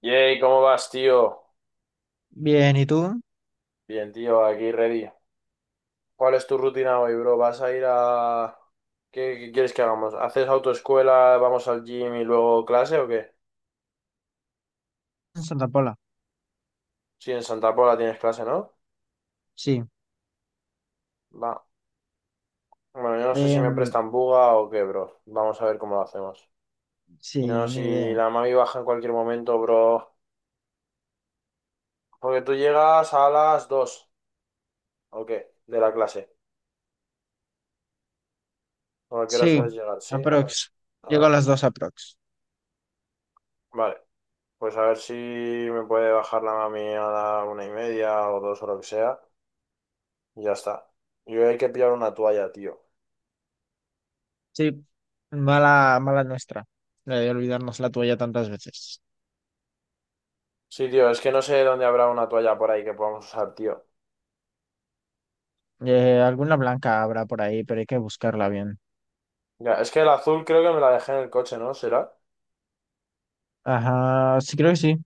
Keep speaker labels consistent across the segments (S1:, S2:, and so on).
S1: Yay, ¿cómo vas, tío?
S2: Bien, ¿y tú?
S1: Bien, tío, aquí ready. ¿Cuál es tu rutina hoy, bro? ¿Vas a ir a... ¿Qué quieres que hagamos? ¿Haces autoescuela, vamos al gym y luego clase o qué?
S2: En Santa Pola.
S1: Sí, en Santa Pola tienes clase, ¿no?
S2: Sí.
S1: Va. Bueno, yo no sé si me
S2: Em,
S1: prestan buga o qué, bro. Vamos a ver cómo lo hacemos.
S2: sí,
S1: Y no,
S2: ni
S1: si
S2: idea.
S1: la mami baja en cualquier momento, bro. Porque tú llegas a las 2, ¿o qué? De la clase. ¿O a qué hora
S2: Sí,
S1: sueles llegar? ¿Sí?
S2: aprox.
S1: A
S2: Llego
S1: las
S2: a
S1: 2.
S2: las dos aprox.
S1: Vale. Pues a ver si me puede bajar la mami a la una y media o dos o lo que sea. Y ya está. Yo hay que pillar una toalla, tío.
S2: Sí, mala, mala nuestra. La de olvidarnos la tuya tantas veces.
S1: Sí, tío, es que no sé dónde habrá una toalla por ahí que podamos usar, tío.
S2: Alguna blanca habrá por ahí, pero hay que buscarla bien.
S1: Ya, es que el azul creo que me la dejé en el coche, ¿no? ¿Será?
S2: Ajá, sí, creo que sí.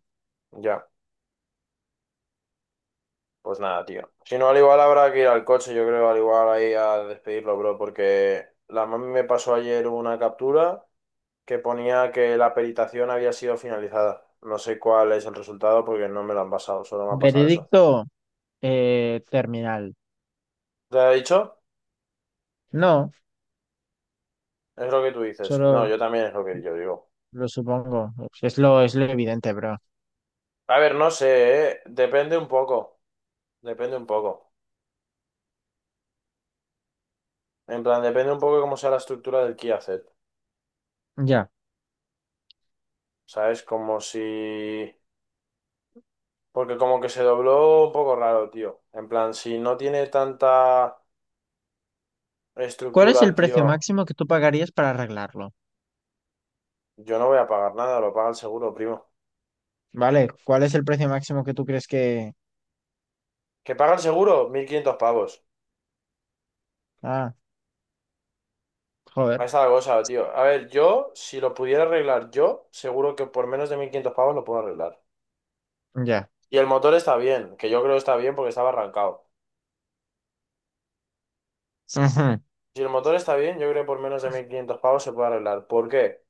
S1: Ya, pues nada, tío. Si no, al igual habrá que ir al coche, yo creo, al igual ahí a despedirlo, bro, porque la mami me pasó ayer una captura que ponía que la peritación había sido finalizada. No sé cuál es el resultado porque no me lo han pasado, solo me ha pasado eso.
S2: Veredicto, terminal.
S1: ¿Te ha dicho?
S2: No,
S1: Es lo que tú dices. No,
S2: solo
S1: yo también es lo que yo digo.
S2: lo supongo. Es lo evidente, bro.
S1: A ver, no sé, ¿eh? Depende un poco. Depende un poco. En plan, depende un poco de cómo sea la estructura del key asset.
S2: Ya.
S1: ¿Sabes? Como si... Porque como que se dobló un poco raro, tío. En plan, si no tiene tanta
S2: ¿Cuál es el
S1: estructura,
S2: precio
S1: tío,
S2: máximo que tú pagarías para arreglarlo?
S1: yo no voy a pagar nada, lo paga el seguro, primo.
S2: Vale, ¿cuál es el precio máximo que tú crees que...?
S1: ¿Que paga el seguro? 1.500 pavos.
S2: Ah,
S1: Ahí
S2: joder,
S1: está la cosa, tío. A ver, yo, si lo pudiera arreglar yo, seguro que por menos de 1.500 pavos lo puedo arreglar.
S2: ya.
S1: Y el motor está bien, que yo creo que está bien porque estaba arrancado.
S2: Ujú,
S1: Si el motor está bien, yo creo que por menos de 1500 pavos se puede arreglar. ¿Por qué?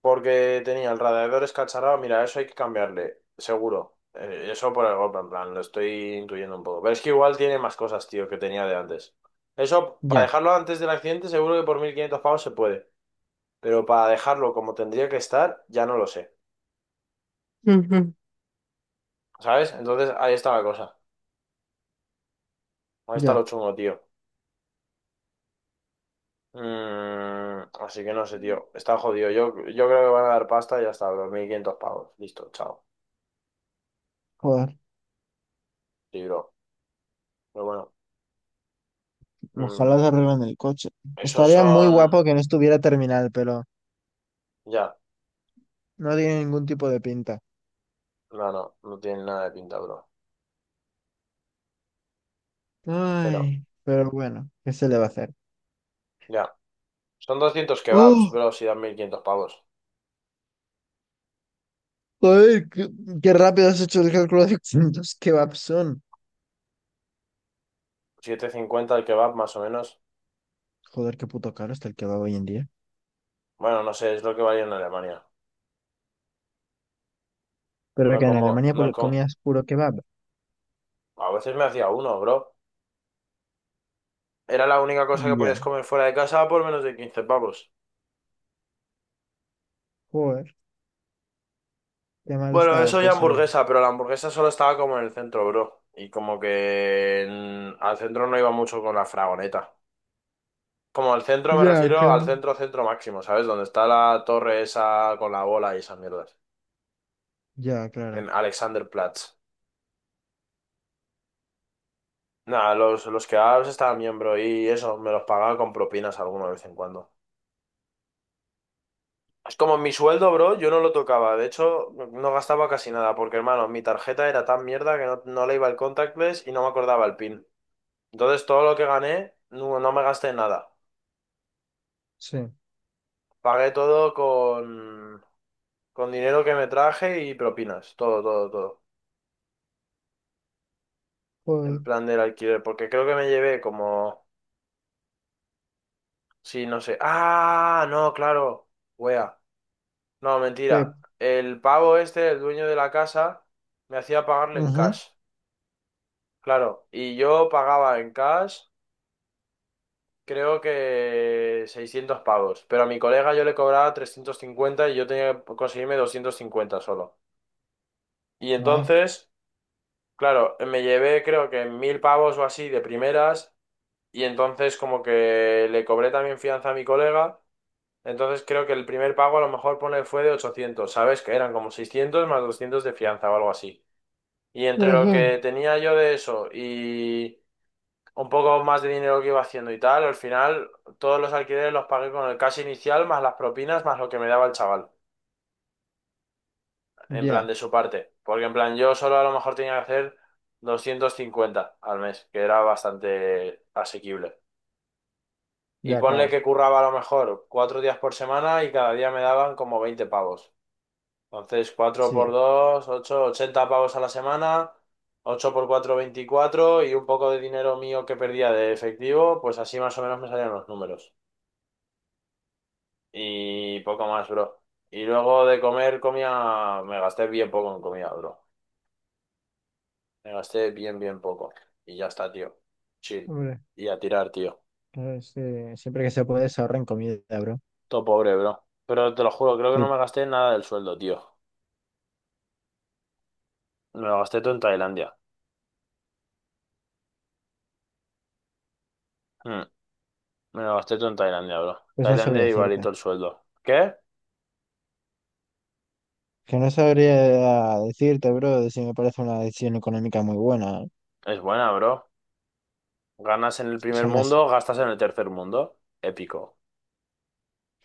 S1: Porque tenía el radiador escacharrado. Mira, eso hay que cambiarle, seguro. Eso por el golpe, en plan, lo estoy intuyendo un poco. Pero es que igual tiene más cosas, tío, que tenía de antes. Eso, para
S2: ya,
S1: dejarlo antes del accidente, seguro que por 1.500 pavos se puede. Pero para dejarlo como tendría que estar, ya no lo sé.
S2: ujú,
S1: ¿Sabes? Entonces ahí está la cosa. Ahí está
S2: ya.
S1: lo chungo, tío. Así que no sé, tío. Está jodido. Yo creo que van a dar pasta y ya está. 2.500 pavos. Listo, chao.
S2: Joder,
S1: Libro. Pero bueno,
S2: ojalá
S1: mm,
S2: se arreglen el coche.
S1: esos
S2: Estaría muy
S1: son...
S2: guapo que no estuviera terminal, pero
S1: Ya.
S2: no tiene ningún tipo de pinta.
S1: No, no. No tienen nada de pinta, bro. Pero,
S2: Ay, pero bueno, ¿qué se le va a hacer?
S1: ya. Son 200 kebabs,
S2: ¡Oh!
S1: bro, si dan 1.500 pavos.
S2: Joder, qué rápido has hecho el cálculo de cuántos kebabs son.
S1: 750 el kebab, más o menos.
S2: Joder, qué puto caro está el kebab hoy en día.
S1: Bueno, no sé, es lo que valía en Alemania.
S2: Pero
S1: No
S2: que en
S1: como...
S2: Alemania
S1: No como...
S2: comías puro kebab.
S1: A veces me hacía uno, bro. Era la única cosa que podías
S2: Ya.
S1: comer fuera de casa por menos de 15 pavos.
S2: Joder, qué mal
S1: Bueno,
S2: está la
S1: eso ya
S2: cosa.
S1: hamburguesa, pero la hamburguesa solo estaba como en el centro, bro. Y como que al centro no iba mucho con la fragoneta. Como al centro me
S2: Ya, que
S1: refiero al centro, centro máximo, ¿sabes? Donde está la torre esa con la bola y esas mierdas.
S2: Ya, claro.
S1: En Alexanderplatz. Nada, los kebabs estaban bien, bro. Y eso, me los pagaba con propinas alguna vez en cuando. Es como mi sueldo, bro, yo no lo tocaba. De hecho, no gastaba casi nada, porque hermano, mi tarjeta era tan mierda que no le iba el contactless y no me acordaba el PIN. Entonces todo lo que gané, no me gasté en nada.
S2: Sí.
S1: Pagué todo con dinero que me traje y propinas. Todo, todo, todo. En
S2: Joder.
S1: plan del alquiler. Porque creo que me llevé como... Sí, no sé. Ah, no, claro. Wea. No,
S2: Que
S1: mentira. El pavo este, el dueño de la casa, me hacía pagarle en
S2: ujú,
S1: cash. Claro. Y yo pagaba en cash, creo que 600 pavos. Pero a mi colega yo le cobraba 350 y yo tenía que conseguirme 250 solo. Y
S2: ah,
S1: entonces, claro, me llevé creo que 1.000 pavos o así de primeras y entonces como que le cobré también fianza a mi colega. Entonces creo que el primer pago a lo mejor pone fue de 800, ¿sabes? Que eran como 600 más 200 de fianza o algo así. Y entre lo
S2: ujú,
S1: que tenía yo de eso y un poco más de dinero que iba haciendo y tal, al final todos los alquileres los pagué con el cash inicial más las propinas más lo que me daba el chaval. En plan
S2: ya,
S1: de su parte, porque en plan yo solo a lo mejor tenía que hacer 250 al mes, que era bastante asequible. Y
S2: ya,
S1: ponle
S2: claro.
S1: que curraba a lo mejor 4 días por semana y cada día me daban como 20 pavos. Entonces, cuatro por
S2: Sí.
S1: 2 ocho, 80 pavos a la semana, 8 por 4 24 y un poco de dinero mío que perdía de efectivo, pues así más o menos me salían los números. Y poco más, bro. Y luego de comer comía, me gasté bien poco en comida, bro. Me gasté bien, bien poco. Y ya está, tío. Chill.
S2: Hombre,
S1: Y a tirar, tío.
S2: claro, es que siempre que se puede se ahorra en comida, bro.
S1: Todo pobre, bro. Pero te lo juro, creo que
S2: Sí,
S1: no me gasté nada del sueldo, tío. Me lo gasté todo en Tailandia. Mm, me lo gasté todo en Tailandia, bro.
S2: pues no sabría
S1: Tailandia
S2: decirte.
S1: igualito el sueldo. ¿Qué?
S2: Que no sabría decirte, bro, de si me parece una decisión económica muy buena.
S1: Es buena, bro. Ganas en el primer
S2: Son las.
S1: mundo, gastas en el tercer mundo. Épico.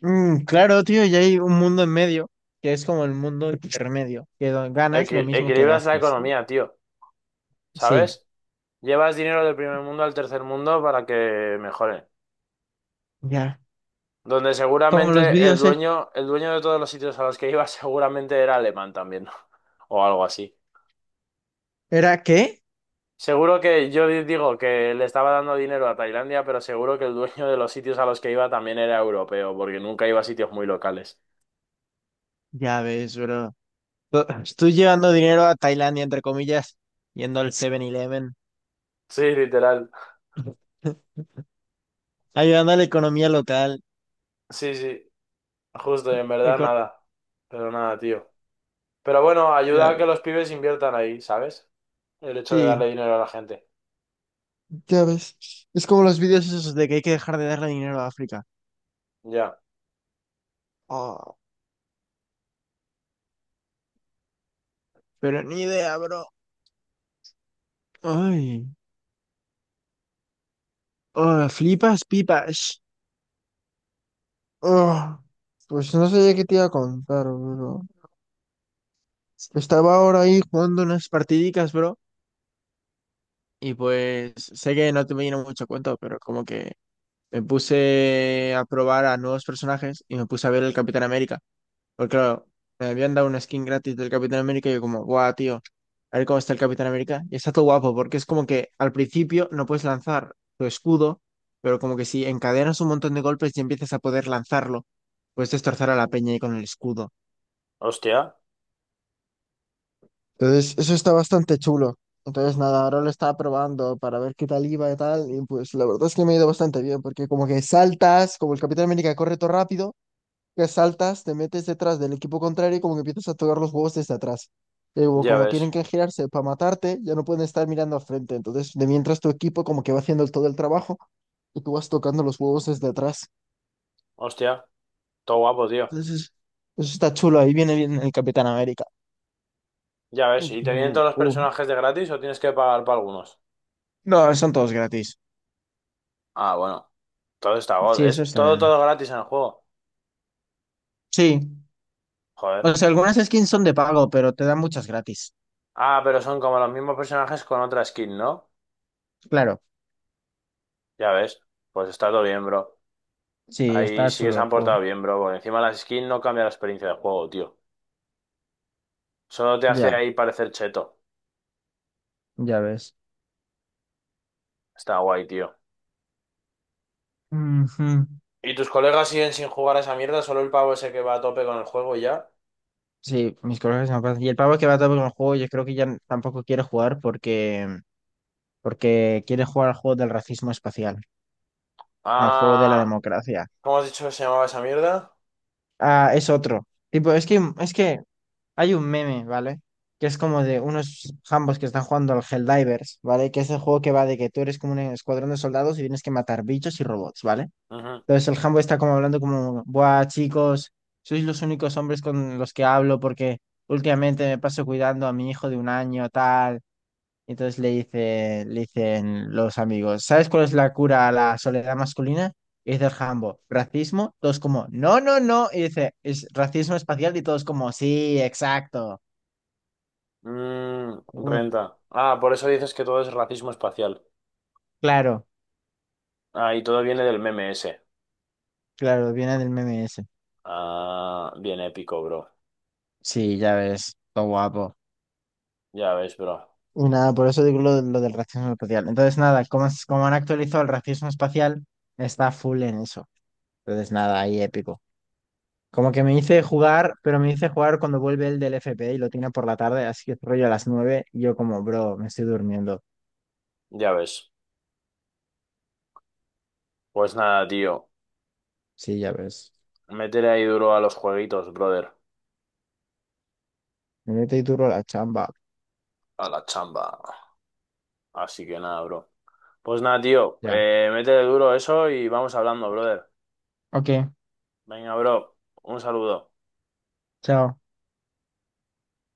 S2: Mm, claro, tío, y hay un mundo en medio, que es como el mundo intermedio, que ganas lo mismo que
S1: Equilibras la
S2: gastas.
S1: economía, tío.
S2: Sí,
S1: ¿Sabes? Llevas dinero del primer mundo al tercer mundo para que mejore.
S2: ya.
S1: Donde
S2: Como los
S1: seguramente
S2: vídeos, ¿eh?
S1: el dueño de todos los sitios a los que iba seguramente era alemán también, o algo así.
S2: ¿Era qué?
S1: Seguro que yo digo que le estaba dando dinero a Tailandia, pero seguro que el dueño de los sitios a los que iba también era europeo, porque nunca iba a sitios muy locales.
S2: Ya ves, bro. Tú tú llevando dinero a Tailandia, entre comillas, yendo al 7-Eleven
S1: Sí, literal.
S2: ayudando a la economía local.
S1: Sí, sí, justo, y
S2: y-
S1: en verdad
S2: eco-
S1: nada. Pero nada, tío. Pero bueno, ayuda
S2: ya-
S1: a que los pibes inviertan ahí, ¿sabes? El hecho de
S2: sí,
S1: darle dinero a la gente.
S2: ya ves. Es como los vídeos esos de que hay que dejar de darle dinero a África.
S1: Ya.
S2: Oh, pero ni idea, bro. Ay, oh, flipas pipas. Oh, pues no sé qué te iba a contar, bro. Estaba ahora ahí jugando unas partidicas, bro. Y pues sé que no te viene mucho a cuento, pero como que me puse a probar a nuevos personajes y me puse a ver el Capitán América. Porque claro, me habían dado una skin gratis del Capitán América y yo como, guau, tío, a ver cómo está el Capitán América. Y está todo guapo porque es como que al principio no puedes lanzar tu escudo, pero como que si encadenas un montón de golpes y empiezas a poder lanzarlo, puedes destrozar a la peña ahí con el escudo.
S1: Hostia,
S2: Entonces, eso está bastante chulo. Entonces, nada, ahora lo estaba probando para ver qué tal iba y tal. Y pues la verdad es que me ha ido bastante bien, porque como que saltas, como el Capitán América corre todo rápido. Que saltas, te metes detrás del equipo contrario y como que empiezas a tocar los huevos desde atrás. Y luego,
S1: ya
S2: como tienen
S1: ves.
S2: que girarse para matarte, ya no pueden estar mirando al frente. Entonces, de mientras tu equipo como que va haciendo todo el trabajo y tú vas tocando los huevos desde atrás.
S1: Hostia, todo guapo, tío.
S2: Entonces, eso está chulo. Ahí viene bien el Capitán América.
S1: Ya
S2: Uh,
S1: ves, ¿y te vienen
S2: uh,
S1: todos los
S2: uh.
S1: personajes de gratis o tienes que pagar para algunos?
S2: No, son todos gratis.
S1: Ah, bueno, todo está god.
S2: Sí, eso
S1: Es
S2: está
S1: todo,
S2: bien.
S1: todo gratis en el juego.
S2: Sí. O
S1: Joder.
S2: sea, algunas skins son de pago, pero te dan muchas gratis.
S1: Ah, pero son como los mismos personajes con otra skin, ¿no?
S2: Claro.
S1: Ya ves, pues está todo bien, bro.
S2: Sí,
S1: Ahí
S2: está
S1: sí que
S2: chulo
S1: se
S2: el
S1: han
S2: juego.
S1: portado bien, bro, porque encima las skins no cambia la experiencia del juego, tío. Solo te hace
S2: Ya,
S1: ahí parecer cheto.
S2: ya ves.
S1: Está guay, tío.
S2: Ujú.
S1: ¿Y tus colegas siguen sin jugar a esa mierda? ¿Solo el pavo ese que va a tope con el juego y ya?
S2: Sí, mis colegas se pasan. Y el pavo que va todo con el juego, yo creo que ya tampoco quiere jugar porque, quiere jugar al juego del racismo espacial, al juego de la
S1: Ah,
S2: democracia.
S1: ¿cómo has dicho que se llamaba esa mierda?
S2: Ah, es otro. Tipo, es que hay un meme, ¿vale? Que es como de unos jambos que están jugando al Helldivers, ¿vale? Que es el juego que va de que tú eres como un escuadrón de soldados y tienes que matar bichos y robots, ¿vale? Entonces el jambo está como hablando como, buah, chicos, sois los únicos hombres con los que hablo porque últimamente me paso cuidando a mi hijo de un año, tal. Entonces le dice, le dicen los amigos, ¿sabes cuál es la cura a la soledad masculina? Y dice el Jambo, racismo, todos como, no, no, no. Y dice, es racismo espacial y todos como, sí, exacto.
S1: Mm,
S2: Uy,
S1: renta. Ah, por eso dices que todo es racismo espacial.
S2: claro,
S1: Ah, y todo viene del meme ese.
S2: claro, viene del meme ese.
S1: Ah, bien épico, bro.
S2: Sí, ya ves, todo guapo.
S1: Ya ves, bro.
S2: Y nada, por eso digo lo del racismo espacial. Entonces nada, como han actualizado el racismo espacial, está full en eso. Entonces nada, ahí épico. Como que me dice jugar, pero me dice jugar cuando vuelve el del FP y lo tiene por la tarde, así que rollo a las 9 y yo como, bro, me estoy durmiendo.
S1: Ya ves. Pues nada, tío.
S2: Sí, ya ves.
S1: Métele ahí duro a los jueguitos, brother.
S2: Me mete y duro la chamba.
S1: A la chamba. Así que nada, bro. Pues nada, tío.
S2: Ya.
S1: Métele duro eso y vamos hablando, brother.
S2: Ok,
S1: Venga, bro. Un saludo.
S2: chao.